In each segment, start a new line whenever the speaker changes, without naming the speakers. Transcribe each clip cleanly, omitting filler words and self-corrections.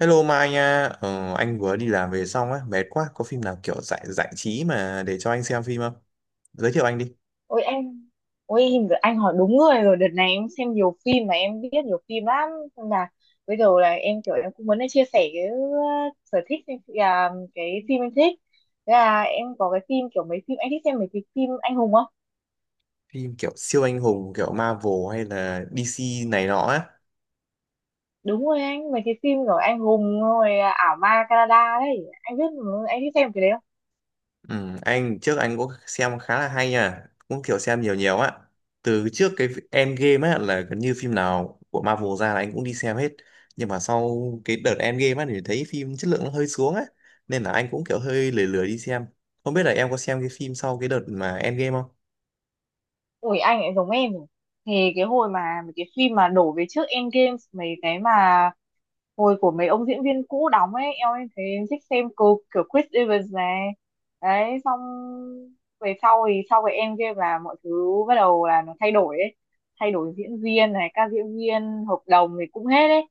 Hello Mai nha, anh vừa đi làm về xong á, mệt quá, có phim nào kiểu giải giải trí mà để cho anh xem phim không? Giới thiệu anh đi,
Ôi em Ôi, anh hỏi đúng người rồi. Đợt này em xem nhiều phim mà em biết nhiều phim lắm, nên là bây giờ là em kiểu em cũng muốn chia sẻ cái sở thích em- à, cái phim em thích. Thế là em có cái phim kiểu mấy phim, anh thích xem mấy cái phim anh hùng không?
phim kiểu siêu anh hùng, kiểu Marvel hay là DC này nọ á.
Đúng rồi anh, mấy cái phim kiểu anh hùng rồi à, ảo ma Canada đấy, anh biết mà, anh thích xem cái đấy.
Ừ, anh trước anh cũng xem khá là hay nha, cũng kiểu xem nhiều nhiều á. Từ trước cái Endgame á là gần như phim nào của Marvel ra là anh cũng đi xem hết. Nhưng mà sau cái đợt Endgame á thì thấy phim chất lượng nó hơi xuống á, nên là anh cũng kiểu hơi lười lười đi xem. Không biết là em có xem cái phim sau cái đợt mà Endgame không?
Ủi, anh ấy giống em rồi. Thì cái hồi mà mấy cái phim mà đổ về trước Endgame, mấy cái mà hồi của mấy ông diễn viên cũ đóng ấy, em thấy em thích xem cô kiểu Chris Evans này đấy. Xong về sau thì sau cái Endgame là mọi thứ bắt đầu là nó thay đổi ấy, thay đổi diễn viên này, các diễn viên hợp đồng thì cũng hết ấy,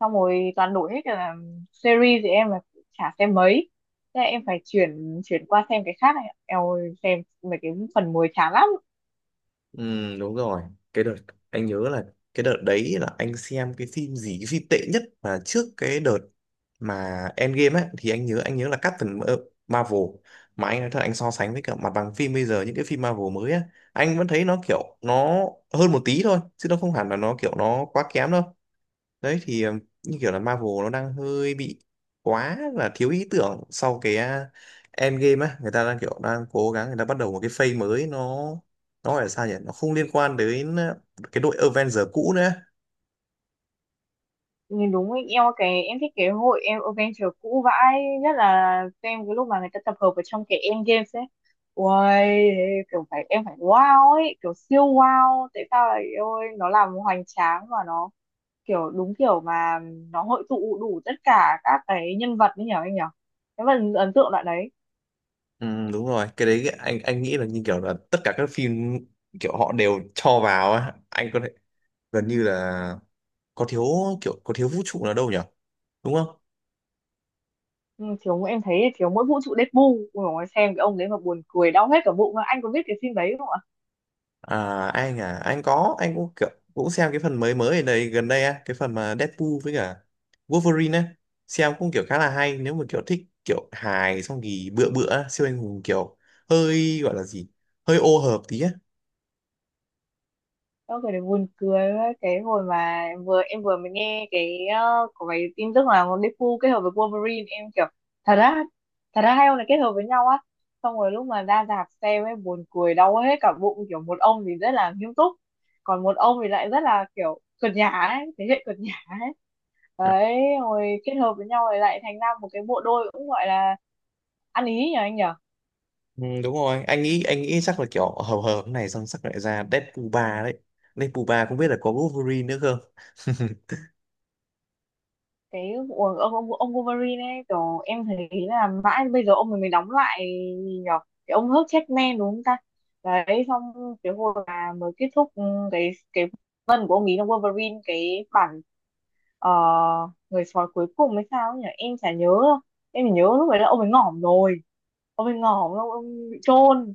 xong rồi toàn đổi hết cả là series thì em là chả xem mấy. Thế là em phải chuyển chuyển qua xem cái khác này em ơi, xem mấy cái phần mới chán lắm.
Ừ, đúng rồi. Cái đợt anh nhớ là cái đợt đấy là anh xem cái phim gì, cái phim tệ nhất mà trước cái đợt mà Endgame ấy thì anh nhớ là Marvel. Mà anh nói thật, anh so sánh với cả mặt bằng phim bây giờ, những cái phim Marvel mới á, anh vẫn thấy nó hơn một tí thôi chứ nó không hẳn là nó quá kém đâu. Đấy thì như kiểu là Marvel nó đang hơi bị quá là thiếu ý tưởng sau cái Endgame á, người ta đang kiểu đang cố gắng, người ta bắt đầu một cái phase mới, nó gọi là sao nhỉ, nó không liên quan đến cái đội Avenger cũ nữa.
Nhìn đúng ý, em cái em thích cái hội em adventure cũ vãi nhất là xem cái lúc mà người ta tập hợp ở trong cái Endgames ấy. Uầy, kiểu phải em phải wow ấy, kiểu siêu wow, tại sao lại ôi nó làm hoành tráng và nó kiểu đúng kiểu mà nó hội tụ đủ tất cả các cái nhân vật ấy, nhở anh nhở, cái phần ấn tượng đoạn đấy.
Ừ, đúng rồi, cái đấy anh nghĩ là như kiểu là tất cả các phim kiểu họ đều cho vào á, anh có thể gần như là có thiếu, kiểu có thiếu vũ trụ nào đâu nhỉ, đúng không?
Ừ, thiếu, em thấy thiếu mỗi vũ trụ Deadpool. Ui dồi ôi, xem cái ông đấy mà buồn cười đau hết cả bụng, anh có biết cái phim đấy không ạ?
À, anh à, anh có, anh cũng kiểu, cũng xem cái phần mới mới ở đây gần đây á, cái phần mà Deadpool với cả Wolverine á, xem cũng kiểu khá là hay nếu mà kiểu thích kiểu hài xong thì bựa bựa á, siêu anh hùng kiểu hơi gọi là gì, hơi ô hợp tí á.
Đó, cái đấy buồn cười quá. Cái hồi mà em vừa mới nghe cái có cái tin tức là con Deadpool kết hợp với Wolverine, em kiểu thật ra thật ra hai ông này kết hợp với nhau á. Xong rồi lúc mà ra rạp xem ấy, buồn cười đau hết cả bụng, kiểu một ông thì rất là nghiêm túc, còn một ông thì lại rất là kiểu cợt nhả ấy, thế hệ cợt nhả ấy đấy, rồi kết hợp với nhau rồi lại thành ra một cái bộ đôi cũng gọi là ăn ý nhỉ, anh nhỉ?
Ừ, đúng rồi, anh nghĩ chắc là kiểu hợp hợp này, xong chắc lại ra Deadpool 3 đấy. Deadpool 3 không biết là có Wolverine nữa không?
Cái của ông Wolverine ấy, kiểu em thấy là mãi bây giờ ông mình mới đóng lại, gì nhở, cái ông hớt checkman đúng không ta. Đấy xong, cái hồi mà mới kết thúc, ừ, cái phần của ông ấy trong Wolverine, cái bản ờ, người sói cuối cùng hay sao ấy nhỉ, em chả nhớ đâu. Em chỉ nhớ lúc đấy là ông ấy ngỏm rồi, ông ấy ngỏm, ông bị chôn.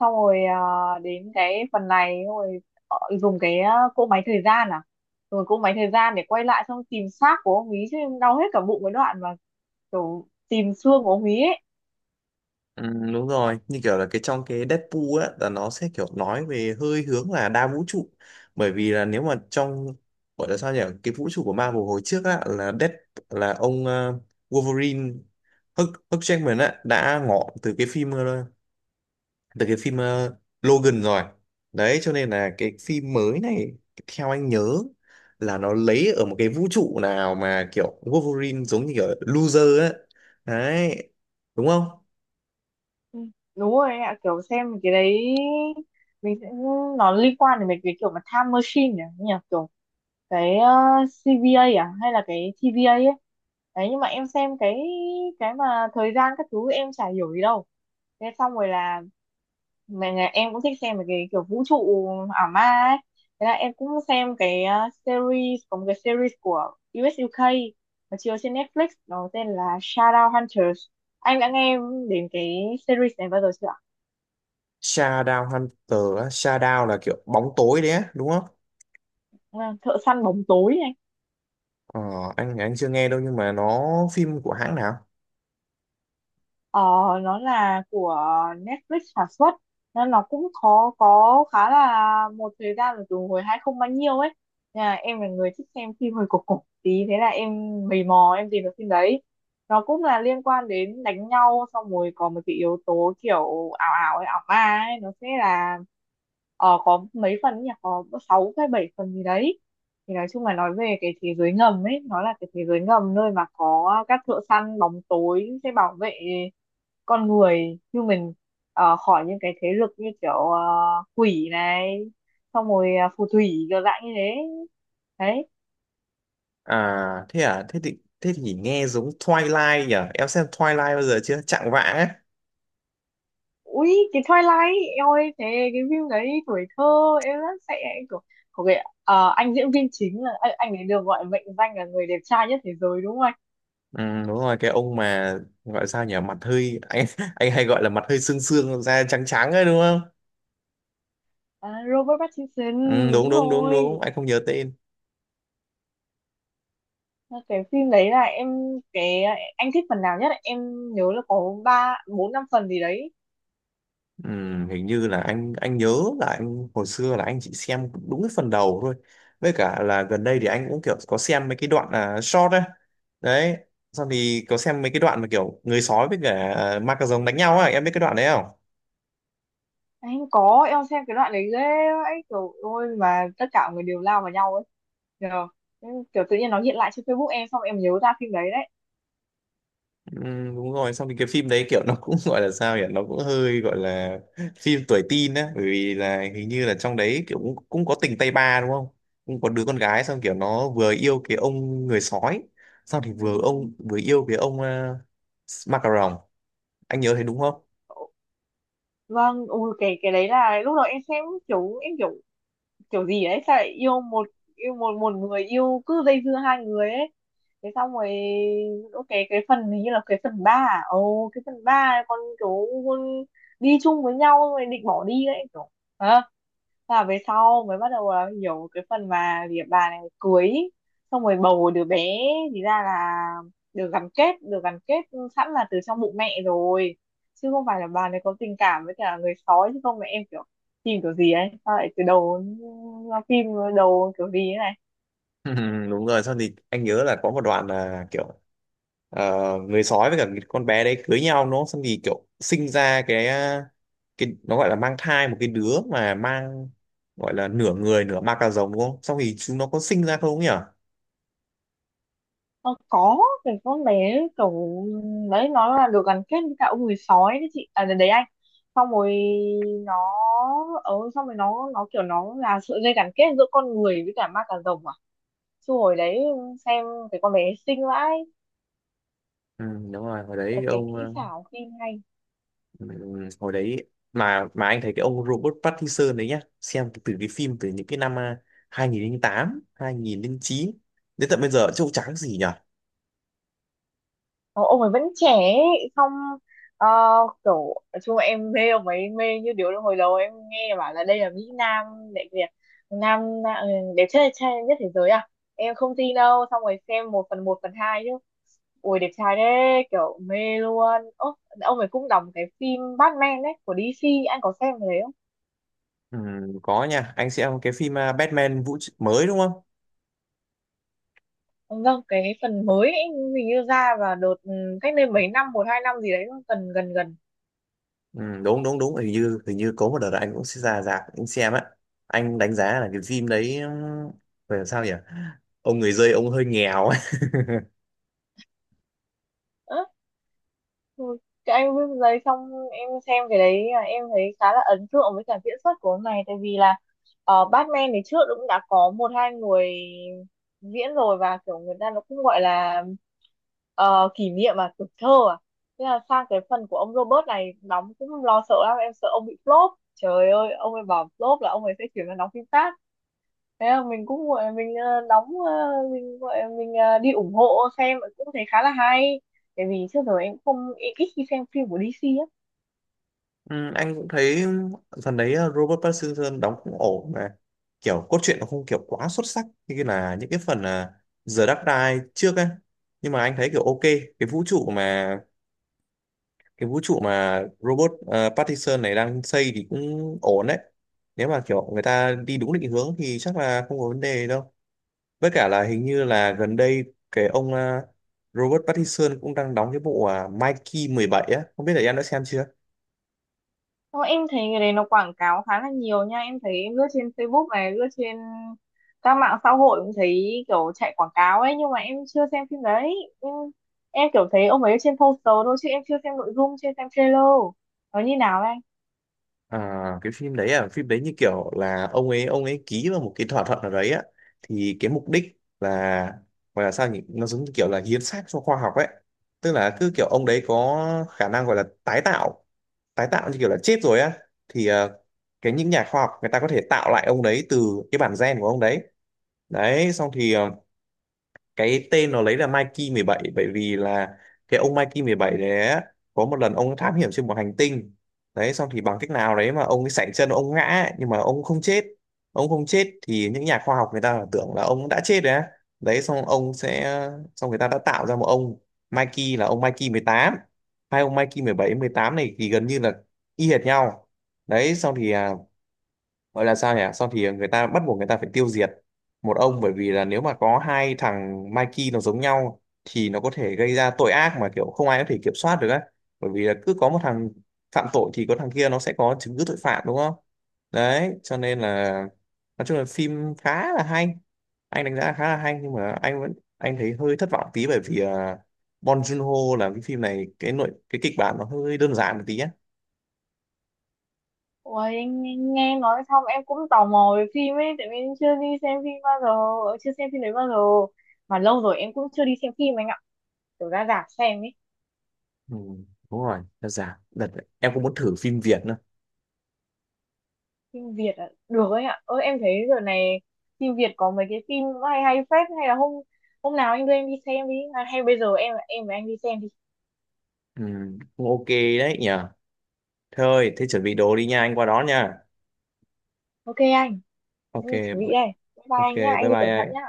Xong rồi đến cái phần này xong rồi dùng cái cỗ máy thời gian à, rồi cỗ máy thời gian để quay lại xong tìm xác của ông ý chứ, em đau hết cả bụng cái đoạn mà kiểu tìm xương của ông ý ấy.
Ừ, đúng rồi, như kiểu là cái trong cái Deadpool á là nó sẽ kiểu nói về hơi hướng là đa vũ trụ. Bởi vì là nếu mà trong gọi là sao nhỉ, cái vũ trụ của Marvel hồi trước á là Dead, là ông Wolverine, Hugh Jackman á, đã ngỏ từ cái phim từ cái phim Logan rồi. Đấy cho nên là cái phim mới này, theo anh nhớ là nó lấy ở một cái vũ trụ nào mà kiểu Wolverine giống như kiểu loser á, đấy, đúng không?
Ừ, đúng rồi ạ, kiểu xem cái đấy mình sẽ nó liên quan đến mấy cái kiểu mà time machine, nhỉ nhỉ kiểu cái CVA à hay là cái TVA ấy. Đấy nhưng mà em xem cái mà thời gian các thứ em chả hiểu gì đâu. Thế xong rồi là mà nhà em cũng thích xem mấy cái kiểu vũ trụ ảo ma ấy, thế là em cũng xem cái series, có một cái series của US UK mà chiếu trên Netflix nó tên là Shadow Hunters. Anh đã nghe đến cái series này bao giờ chưa ạ?
Shadow Hunter á, Shadow là kiểu bóng tối đấy á, đúng không?
À, Thợ săn bóng tối.
Ờ, anh chưa nghe đâu, nhưng mà nó phim của hãng nào?
Ờ, nó là của Netflix sản xuất nên nó cũng có khá là một thời gian rồi, từ hồi 2000 bao nhiêu ấy, nên là em là người thích xem phim hơi cổ cổ tí, thế là em mày mò em tìm được phim đấy. Nó cũng là liên quan đến đánh nhau, xong rồi có một cái yếu tố kiểu ảo ảo ấy, ảo ma ấy. Nó sẽ là ờ, có mấy phần nhỉ, có sáu hay bảy phần gì đấy, thì nói chung là nói về cái thế giới ngầm ấy, nó là cái thế giới ngầm nơi mà có các thợ săn bóng tối sẽ bảo vệ con người như mình ờ, khỏi những cái thế lực như kiểu quỷ này, xong rồi phù thủy kiểu dạng như thế đấy.
À thế à, thế thì nghe giống Twilight nhỉ? Em xem Twilight bao giờ chưa? Chạng vạng ấy.
Ui cái Twilight em ơi, thế cái phim đấy tuổi thơ em rất sẽ của, của cái anh diễn viên chính là anh ấy được gọi mệnh danh là người đẹp trai nhất thế giới đúng không anh?
Ừ, đúng rồi, cái ông mà gọi sao nhỉ, mặt hơi anh hay gọi là mặt hơi xương xương da trắng trắng ấy, đúng không?
À, Robert Pattinson.
Ừ, đúng
Đúng
đúng đúng
rồi,
đúng anh không nhớ tên.
cái phim đấy là em, cái anh thích phần nào nhất ạ? Em nhớ là có ba bốn năm phần gì đấy.
Ừ, hình như là anh nhớ là anh hồi xưa là anh chỉ xem đúng cái phần đầu thôi, với cả là gần đây thì anh cũng kiểu có xem mấy cái đoạn là short đấy. Đấy, xong thì có xem mấy cái đoạn mà kiểu người sói với cả ma cà rồng đánh nhau á, em biết cái đoạn đấy không?
Anh có em xem cái đoạn đấy ghê ấy, kiểu ôi mà tất cả mọi người đều lao vào nhau ấy. Nhờ. Nhưng kiểu tự nhiên nó hiện lại trên Facebook em, xong em nhớ ra phim đấy đấy.
Ừ, đúng rồi, xong thì cái phim đấy kiểu nó cũng gọi là sao nhỉ, nó cũng hơi gọi là phim tuổi teen á, bởi vì là hình như là trong đấy kiểu cũng có tình tay ba đúng không, cũng có đứa con gái xong kiểu nó vừa yêu cái ông người sói, xong thì vừa ông yêu cái ông ma, anh nhớ thấy đúng không?
Vâng, ui cái đấy là lúc đầu em xem kiểu em kiểu kiểu gì ấy, sao lại yêu một, yêu một một người, yêu cứ dây dưa hai người ấy. Thế xong rồi ok, cái phần hình như là cái phần ba à? Ồ cái phần ba, con kiểu con đi chung với nhau rồi định bỏ đi ấy kiểu, hả. Thế là về sau mới bắt đầu là hiểu cái phần mà việc bà này cưới xong rồi bầu đứa bé, thì ra là được gắn kết sẵn là từ trong bụng mẹ rồi, chứ không phải là bà này có tình cảm với cả người sói, chứ không mẹ em kiểu phim kiểu gì ấy sao lại từ đầu phim đầu kiểu gì ấy này.
Đúng rồi, xong thì anh nhớ là có một đoạn là kiểu ờ, người sói với cả cái con bé đấy cưới nhau nó, xong thì kiểu sinh ra cái cái nó gọi là mang thai một cái đứa mà mang gọi là nửa người nửa ma cà rồng đúng không, xong thì chúng nó có sinh ra không nhỉ?
Ờ, có, cái con bé kiểu đấy nó là được gắn kết với cả ông người sói đấy chị à, đấy anh. Xong rồi nó ờ xong rồi nó kiểu nó là sợi dây gắn kết giữa con người với cả ma cà rồng à, chứ hồi đấy xem cái con bé xinh vãi,
Ừ, đúng rồi, hồi đấy
và
cái
cái
ông
kỹ xảo phim hay.
ừ, hồi đấy mà anh thấy cái ông Robert Pattinson đấy nhá, xem từ cái phim từ những cái năm 2008 2009 đến tận bây giờ trông trắng gì nhỉ.
Ờ, ông ấy vẫn trẻ ấy. Xong ờ, kiểu nói chung là em mê ông ấy mê như điếu đồng, hồi đầu em nghe bảo là đây là Mỹ Nam đại Việt Nam, ừ, đẹp trai trai nhất thế giới à, em không tin đâu, xong rồi xem một phần hai chứ ui đẹp trai đấy kiểu mê luôn. Ố, ông ấy cũng đóng cái phim Batman đấy của DC, anh có xem cái đấy không
Ừ, có nha, anh xem cái phim Batman mới đúng không.
ông? Vâng, cái phần mới ấy, hình như ra vào đợt cách đây mấy năm, một hai năm gì đấy, gần gần gần.
Ừ, đúng đúng đúng, hình như có một đợt là anh cũng sẽ ra rạp anh xem á. Anh đánh giá là cái phim đấy phải làm sao nhỉ, ông người dơi ông hơi nghèo ấy.
Á, ừ, cái anh viết giấy, xong em xem cái đấy là em thấy khá là ấn tượng với cả diễn xuất của ông này, tại vì là ờ, Batman thì trước cũng đã có một hai người diễn rồi, và kiểu người ta nó cũng gọi là kỷ niệm à, tuổi thơ à. Thế là sang cái phần của ông Robert này đóng cũng lo sợ lắm, em sợ ông bị flop trời ơi, ông ấy bảo flop là ông ấy sẽ chuyển sang đóng phim khác. Thế là mình cũng gọi mình ờ, đóng ờ, mình gọi mình ờ, đi ủng hộ, xem cũng thấy khá là hay. Tại vì trước giờ em không, em ít khi xem phim của DC á.
Ừ, anh cũng thấy phần đấy Robert Pattinson đóng cũng ổn, mà kiểu cốt truyện nó không kiểu quá xuất sắc như cái là những cái phần The Dark Knight trước á, nhưng mà anh thấy kiểu ok. Cái vũ trụ mà cái vũ trụ mà robot Pattinson này đang xây thì cũng ổn đấy, nếu mà kiểu người ta đi đúng định hướng thì chắc là không có vấn đề đâu. Với cả là hình như là gần đây cái ông Robert Pattinson cũng đang đóng cái bộ Mikey 17 á, không biết là em đã xem chưa.
Xong em thấy người đấy nó quảng cáo khá là nhiều nha. Em thấy em lướt trên Facebook này, lướt trên các mạng xã hội cũng thấy kiểu chạy quảng cáo ấy. Nhưng mà em chưa xem phim đấy. Em, em kiểu thấy ông ấy trên poster thôi, chứ em chưa xem nội dung, chưa xem trailer. Nó như nào anh?
À, cái phim đấy à, phim đấy như kiểu là ông ấy ký vào một cái thỏa thuận nào đấy á, thì cái mục đích là gọi là sao nhỉ, nó giống như kiểu là hiến xác cho khoa học ấy. Tức là cứ kiểu ông đấy có khả năng gọi là tái tạo, tái tạo như kiểu là chết rồi á, thì cái những nhà khoa học người ta có thể tạo lại ông đấy từ cái bản gen của ông đấy. Đấy xong thì cái tên nó lấy là Mikey 17, bởi vì là cái ông Mikey 17 đấy á, có một lần ông thám hiểm trên một hành tinh, đấy xong thì bằng cách nào đấy mà ông ấy sảy chân ông ngã ấy, nhưng mà ông không chết. Ông không chết thì những nhà khoa học người ta tưởng là ông đã chết rồi á. Đấy xong ông sẽ, xong người ta đã tạo ra một ông Mikey là ông Mikey 18. Hai ông Mikey 17 18 này thì gần như là y hệt nhau. Đấy xong thì gọi là sao nhỉ, xong thì người ta bắt buộc người ta phải tiêu diệt một ông, bởi vì là nếu mà có hai thằng Mikey nó giống nhau thì nó có thể gây ra tội ác mà kiểu không ai có thể kiểm soát được á. Bởi vì là cứ có một thằng phạm tội thì có thằng kia nó sẽ có chứng cứ tội phạm đúng không. Đấy cho nên là nói chung là phim khá là hay, anh đánh giá khá là hay, nhưng mà anh vẫn anh thấy hơi thất vọng tí bởi vì Bong Joon-ho làm cái phim này cái nội cái kịch bản nó hơi đơn giản một tí á.
Ôi, em nghe nghe nói xong em cũng tò mò về phim ấy. Tại vì em chưa đi xem phim bao giờ, ờ, chưa xem phim đấy bao giờ. Mà lâu rồi em cũng chưa đi xem phim anh ạ. Kiểu ra rạp xem ấy.
Ừ, đúng rồi, đơn giản. Đợt, em cũng muốn thử phim Việt nữa.
Phim Việt ạ, được ấy ạ, ơ em thấy giờ này phim Việt có mấy cái phim hay hay phết, hay là hôm hôm nào anh đưa em đi xem đi, à, hay bây giờ em với anh đi xem đi.
Ừ, cũng ok đấy nhỉ. Thôi, thế chuẩn bị đồ đi nha, anh qua đón nha.
Ok anh,
Ok,
em chuẩn bị đây, bye bye
ok,
anh nhá,
bye
anh đi
bye
cẩn thận
anh.
nhá.